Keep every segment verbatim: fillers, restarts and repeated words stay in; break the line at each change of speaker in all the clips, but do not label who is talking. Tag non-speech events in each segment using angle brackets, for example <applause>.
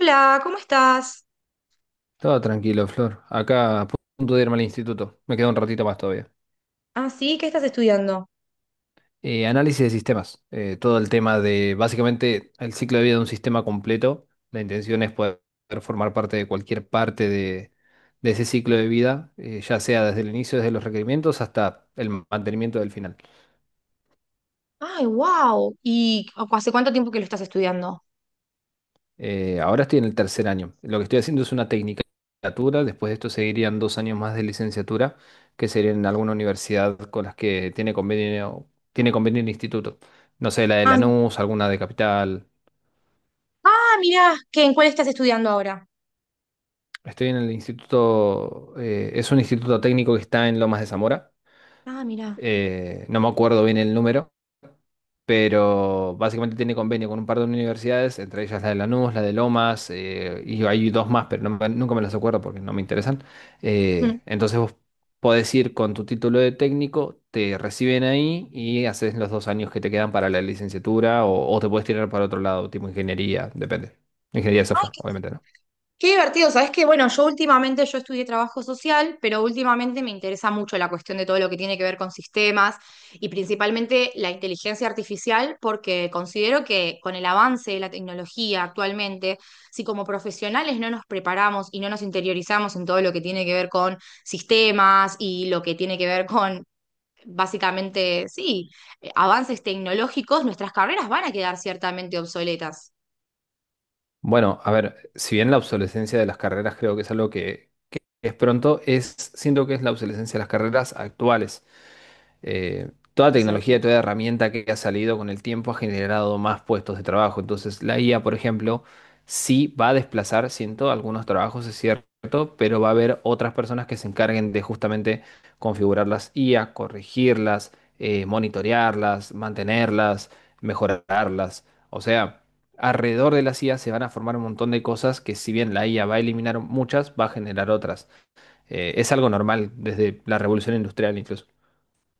Hola, ¿cómo estás?
Todo tranquilo, Flor. Acá a punto de irme al instituto. Me queda un ratito más todavía.
Ah, sí, ¿qué estás estudiando?
Eh, análisis de sistemas. Eh, todo el tema de, básicamente, el ciclo de vida de un sistema completo. La intención es poder formar parte de cualquier parte de, de ese ciclo de vida, eh, ya sea desde el inicio, desde los requerimientos, hasta el mantenimiento del final.
Ay, wow. ¿Y cu- ¿hace cuánto tiempo que lo estás estudiando?
Eh, ahora estoy en el tercer año. Lo que estoy haciendo es una tecnicatura. Después de esto seguirían dos años más de licenciatura, que serían en alguna universidad con las que tiene convenio, tiene convenio el instituto. No sé, la de
Ah, mi-
Lanús, alguna de Capital.
ah, mirá, ¿qué, en cuál estás estudiando ahora?
Estoy en el instituto, eh, es un instituto técnico que está en Lomas de Zamora.
Ah, mirá.
Eh, no me acuerdo bien el número, pero básicamente tiene convenio con un par de universidades, entre ellas la de Lanús, la de Lomas, eh, y hay dos más, pero no me- nunca me las acuerdo porque no me interesan.
Mm.
Eh, entonces vos podés ir con tu título de técnico, te reciben ahí y haces los dos años que te quedan para la licenciatura o, o te puedes tirar para otro lado, tipo ingeniería, depende. Ingeniería de
Ay,
software, obviamente, ¿no?
qué divertido, sabes que bueno, yo últimamente yo estudié trabajo social, pero últimamente me interesa mucho la cuestión de todo lo que tiene que ver con sistemas y principalmente la inteligencia artificial, porque considero que con el avance de la tecnología actualmente, si como profesionales no nos preparamos y no nos interiorizamos en todo lo que tiene que ver con sistemas y lo que tiene que ver con básicamente, sí, eh, avances tecnológicos, nuestras carreras van a quedar ciertamente obsoletas.
Bueno, a ver, si bien la obsolescencia de las carreras creo que es algo que es pronto, es, siento que es la obsolescencia de las carreras actuales. Eh, toda
Exacto.
tecnología, toda herramienta que ha salido con el tiempo ha generado más puestos de trabajo. Entonces, la I A, por ejemplo, sí va a desplazar, siento, algunos trabajos, es cierto, pero va a haber otras personas que se encarguen de justamente configurar las I A, corregirlas, eh, monitorearlas, mantenerlas, mejorarlas. O sea, alrededor de las I A se van a formar un montón de cosas que si bien la I A va a eliminar muchas, va a generar otras. Eh, es algo normal desde la revolución industrial incluso.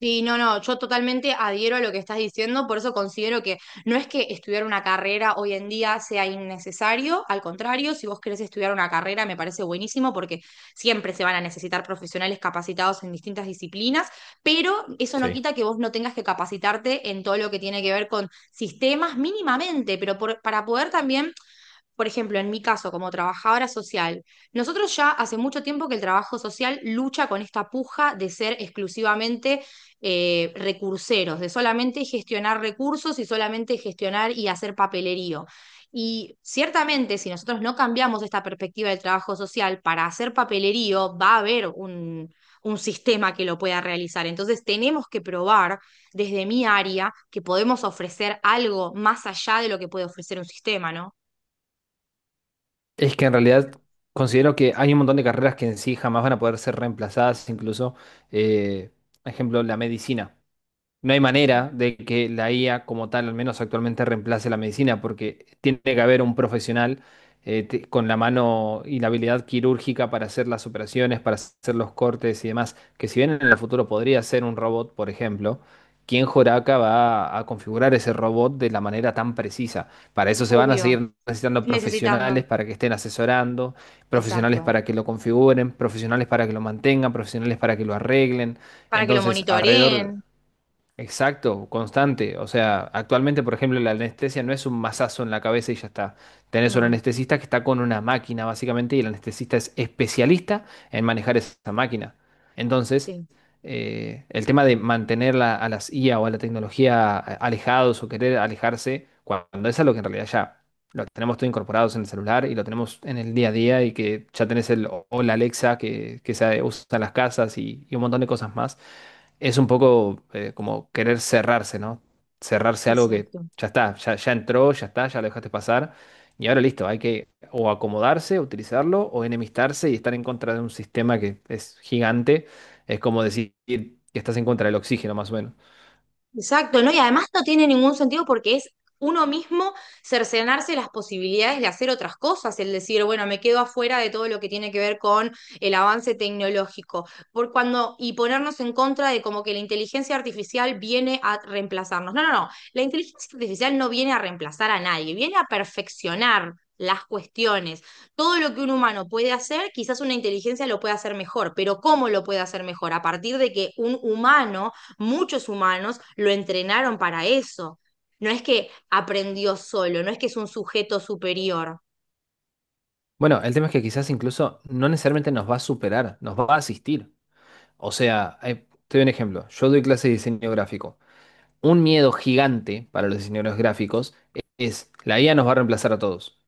Sí, no, no, yo totalmente adhiero a lo que estás diciendo, por eso considero que no es que estudiar una carrera hoy en día sea innecesario, al contrario, si vos querés estudiar una carrera me parece buenísimo porque siempre se van a necesitar profesionales capacitados en distintas disciplinas, pero eso no
Sí.
quita que vos no tengas que capacitarte en todo lo que tiene que ver con sistemas mínimamente, pero por- para poder también, por ejemplo, en mi caso como trabajadora social, nosotros ya hace mucho tiempo que el trabajo social lucha con esta puja de ser exclusivamente eh, recurseros, de solamente gestionar recursos y solamente gestionar y hacer papelerío. Y ciertamente, si nosotros no cambiamos esta perspectiva del trabajo social para hacer papelerío, va a haber un, un sistema que lo pueda realizar. Entonces, tenemos que probar desde mi área que podemos ofrecer algo más allá de lo que puede ofrecer un sistema, ¿no?
Es que en realidad considero que hay un montón de carreras que en sí jamás van a poder ser reemplazadas, incluso, eh, por ejemplo, la medicina. No hay manera de que la I A como tal, al menos actualmente, reemplace la medicina, porque tiene que haber un profesional eh, te- con la mano y la habilidad quirúrgica para hacer las operaciones, para hacer los cortes y demás, que si bien en el futuro podría ser un robot, por ejemplo, ¿quién joraca va a configurar ese robot de la manera tan precisa? Para eso se van a
Obvio,
seguir necesitando
necesitando,
profesionales para que estén asesorando, profesionales
exacto,
para que lo configuren, profesionales para que lo mantengan, profesionales para que lo arreglen.
para que lo
Entonces, alrededor...
monitoreen.
Exacto, constante. O sea, actualmente, por ejemplo, la anestesia no es un mazazo en la cabeza y ya está. Tenés un
No,
anestesista que está con una máquina, básicamente, y el anestesista es especialista en manejar esa máquina. Entonces,
sí,
eh, el tema de mantener la- a las I A o a la tecnología a- alejados o querer alejarse, cuando es algo que en realidad ya lo tenemos todo incorporados en el celular y lo tenemos en el día a día y que ya tenés el o o la Alexa que, que se usa en las casas y y un montón de cosas más es un poco eh, como querer cerrarse, ¿no? Cerrarse a algo que
exacto.
ya está, ya, ya entró, ya está, ya lo dejaste pasar. Y ahora listo, hay que o acomodarse, utilizarlo, o enemistarse y estar en contra de un sistema que es gigante. Es como decir que estás en contra del oxígeno, más o menos.
Exacto, ¿no? Y además no tiene ningún sentido porque es uno mismo cercenarse las posibilidades de hacer otras cosas, el decir, bueno, me quedo afuera de todo lo que tiene que ver con el avance tecnológico, por cuando, y ponernos en contra de como que la inteligencia artificial viene a reemplazarnos. No, no, no, la inteligencia artificial no viene a reemplazar a nadie, viene a perfeccionar las cuestiones. Todo lo que un humano puede hacer, quizás una inteligencia lo puede hacer mejor, pero ¿cómo lo puede hacer mejor? A partir de que un humano muchos humanos lo entrenaron para eso. No es que aprendió solo, no es que es un sujeto superior.
Bueno, el tema es que quizás incluso no necesariamente nos va a superar, nos va a asistir. O sea, eh, te doy un ejemplo. Yo doy clase de diseño gráfico. Un miedo gigante para los diseñadores gráficos es la I A nos va a reemplazar a todos.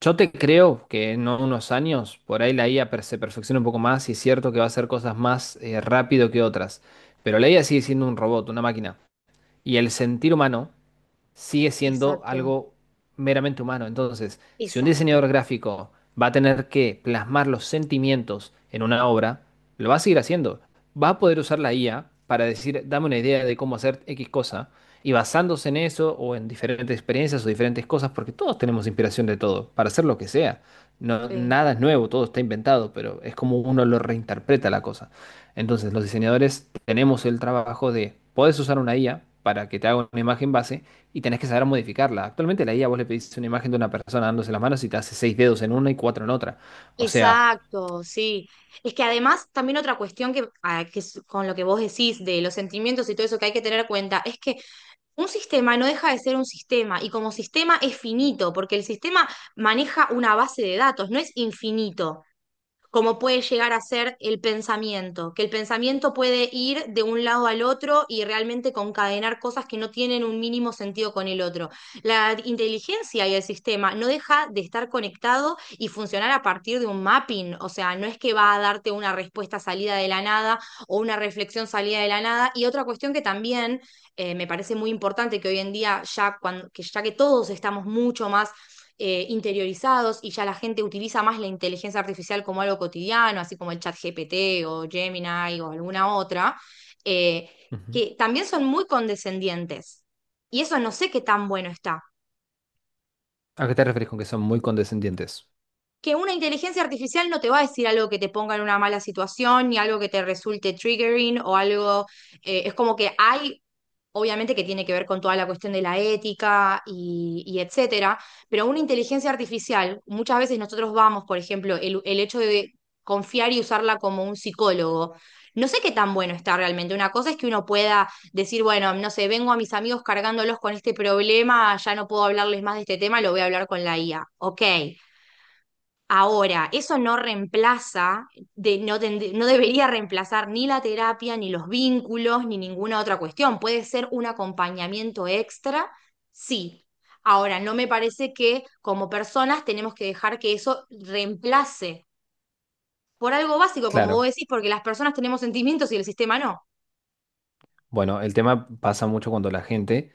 Yo te creo que en unos años por ahí la I A per- se perfecciona un poco más y es cierto que va a hacer cosas más eh, rápido que otras, pero la I A sigue siendo un robot, una máquina, y el sentir humano sigue siendo
Exacto,
algo meramente humano. Entonces, si un
exacto.
diseñador gráfico va a tener que plasmar los sentimientos en una obra, lo va a seguir haciendo. Va a poder usar la I A para decir, dame una idea de cómo hacer X cosa, y basándose en eso o en diferentes experiencias o diferentes cosas, porque todos tenemos inspiración de todo, para hacer lo que sea. No,
Sí.
nada es nuevo, todo está inventado, pero es como uno lo reinterpreta la cosa. Entonces, los diseñadores tenemos el trabajo de, puedes usar una I A para que te haga una imagen base, y tenés que saber modificarla. Actualmente la I A vos le pedís una imagen de una persona dándose las manos y te hace seis dedos en una y cuatro en otra. O sea,
Exacto, sí. Es que además también otra cuestión que, ah, que es con lo que vos decís de los sentimientos y todo eso que hay que tener en cuenta es que un sistema no deja de ser un sistema y como sistema es finito porque el sistema maneja una base de datos, no es infinito. Como puede llegar a ser el pensamiento, que el pensamiento puede ir de un lado al otro y realmente concadenar cosas que no tienen un mínimo sentido con el otro. La inteligencia y el sistema no deja de estar conectado y funcionar a partir de un mapping, o sea, no es que va a darte una respuesta salida de la nada o una reflexión salida de la nada. Y otra cuestión que también, eh, me parece muy importante que hoy en día, ya, cuando, que ya que todos estamos mucho más eh, interiorizados y ya la gente utiliza más la inteligencia artificial como algo cotidiano, así como el ChatGPT o Gemini o alguna otra, eh,
ujú.
que también son muy condescendientes. Y eso no sé qué tan bueno está,
¿A qué te referís con que son muy condescendientes?
que una inteligencia artificial no te va a decir algo que te ponga en una mala situación, ni algo que te resulte triggering o algo, eh, es como que hay, obviamente que tiene que ver con toda la cuestión de la ética y, y etcétera, pero una inteligencia artificial, muchas veces nosotros vamos, por ejemplo, el, el hecho de confiar y usarla como un psicólogo. No sé qué tan bueno está realmente. Una cosa es que uno pueda decir, bueno, no sé, vengo a mis amigos cargándolos con este problema, ya no puedo hablarles más de este tema, lo voy a hablar con la I A. Ok, ahora, eso no reemplaza, de, no, tend- no debería reemplazar ni la terapia, ni los vínculos, ni ninguna otra cuestión. Puede ser un acompañamiento extra, sí. Ahora, no me parece que como personas tenemos que dejar que eso reemplace por algo básico, como vos
Claro.
decís, porque las personas tenemos sentimientos y el sistema no.
Bueno, el tema pasa mucho cuando la gente...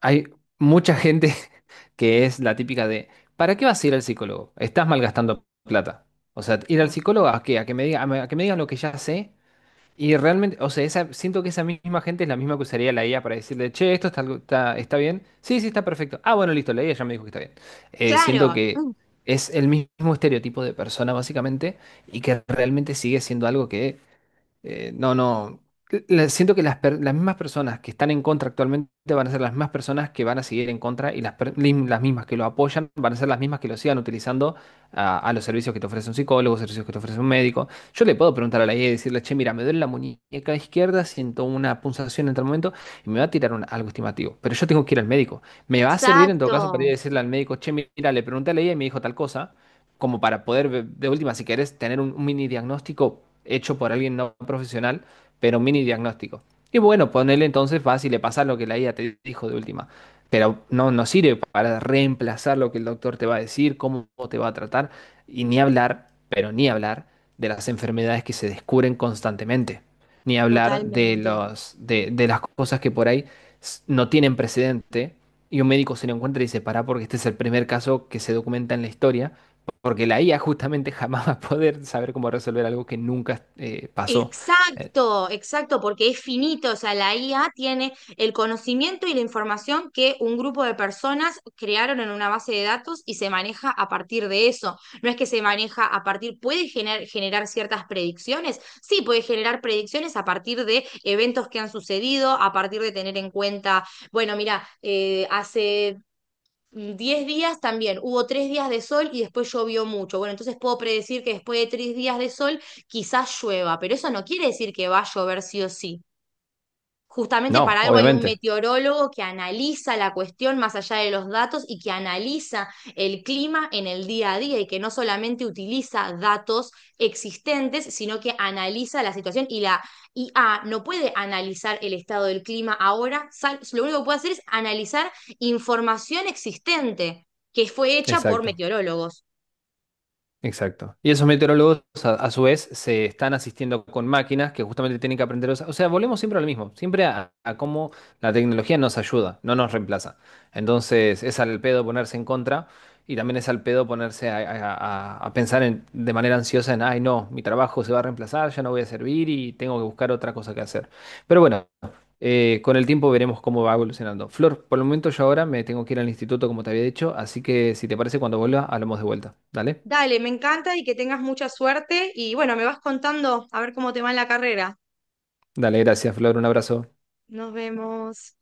Hay mucha gente <laughs> que es la típica de, ¿para qué vas a ir al psicólogo? Estás malgastando plata. O sea, ir al
No.
psicólogo ¿a qué? A que me diga, a me- a que me digan lo que ya sé. Y realmente, o sea, esa, siento que esa misma gente es la misma que usaría la I A para decirle, che, esto está, algo- está, está bien. Sí, sí, está perfecto. Ah, bueno, listo, la I A ya me dijo que está bien. Eh, siento
Claro,
que
mm,
es el mismo estereotipo de persona, básicamente, y que realmente sigue siendo algo que eh, no, no. la- Siento que las, per- las mismas personas que están en contra actualmente van a ser las mismas personas que van a seguir en contra y las, per- lim- las mismas que lo apoyan van a ser las mismas que lo sigan utilizando a, a los servicios que te ofrece un psicólogo, servicios que te ofrece un médico. Yo le puedo preguntar a la I A y decirle, che, mira, me duele la muñeca izquierda, siento una punzación en tal momento y me va a tirar un- algo estimativo. Pero yo tengo que ir al médico. Me va a servir en todo caso para ir a
exacto,
decirle al médico, che, mira, le pregunté a la I A y me dijo tal cosa como para poder, ve- de última, si querés, tener un, un mini diagnóstico hecho por alguien no profesional, pero un mini diagnóstico. Y bueno, ponele entonces, vas y le pasas lo que la I A te dijo de última. Pero no, no sirve para reemplazar lo que el doctor te va a decir, cómo te va a tratar, y ni hablar, pero ni hablar de las enfermedades que se descubren constantemente. Ni hablar de
totalmente.
los, de, de las cosas que por ahí s- no tienen precedente y un médico se lo encuentra y dice, pará, porque este es el primer caso que se documenta en la historia porque la I A justamente <laughs> jamás va a poder saber cómo resolver algo que nunca eh, pasó. Eh,
Exacto, exacto, porque es finito, o sea, la I A tiene el conocimiento y la información que un grupo de personas crearon en una base de datos y se maneja a partir de eso. No es que se maneja a partir, puede gener- generar ciertas predicciones, sí, puede generar predicciones a partir de eventos que han sucedido, a partir de tener en cuenta, bueno, mira, eh, hace mm, diez días también, hubo tres días de sol y después llovió mucho. Bueno, entonces puedo predecir que después de tres días de sol quizás llueva, pero eso no quiere decir que va a llover sí o sí. Justamente
no,
para algo hay un
obviamente.
meteorólogo que analiza la cuestión más allá de los datos y que analiza el clima en el día a día y que no solamente utiliza datos existentes, sino que analiza la situación y la I A no puede analizar el estado del clima ahora, sal- lo único que puede hacer es analizar información existente que fue hecha por
Exacto.
meteorólogos.
Exacto. Y esos meteorólogos, a, a su vez, se están asistiendo con máquinas que justamente tienen que aprender. a usar- O sea, volvemos siempre a lo mismo, siempre a, a cómo la tecnología nos ayuda, no nos reemplaza. Entonces, es al pedo ponerse en contra y también es al pedo ponerse a, a- a- a pensar en- de manera ansiosa en, ay, no, mi trabajo se va a reemplazar, ya no voy a servir y tengo que buscar otra cosa que hacer. Pero bueno, eh, con el tiempo veremos cómo va evolucionando. Flor, por el momento yo ahora me tengo que ir al instituto, como te había dicho, así que si te parece, cuando vuelva, hablamos de vuelta. ¿Dale?
Dale, me encanta y que tengas mucha suerte y bueno, me vas contando a ver cómo te va en la carrera.
Dale, gracias, Flor. Un abrazo.
Nos vemos.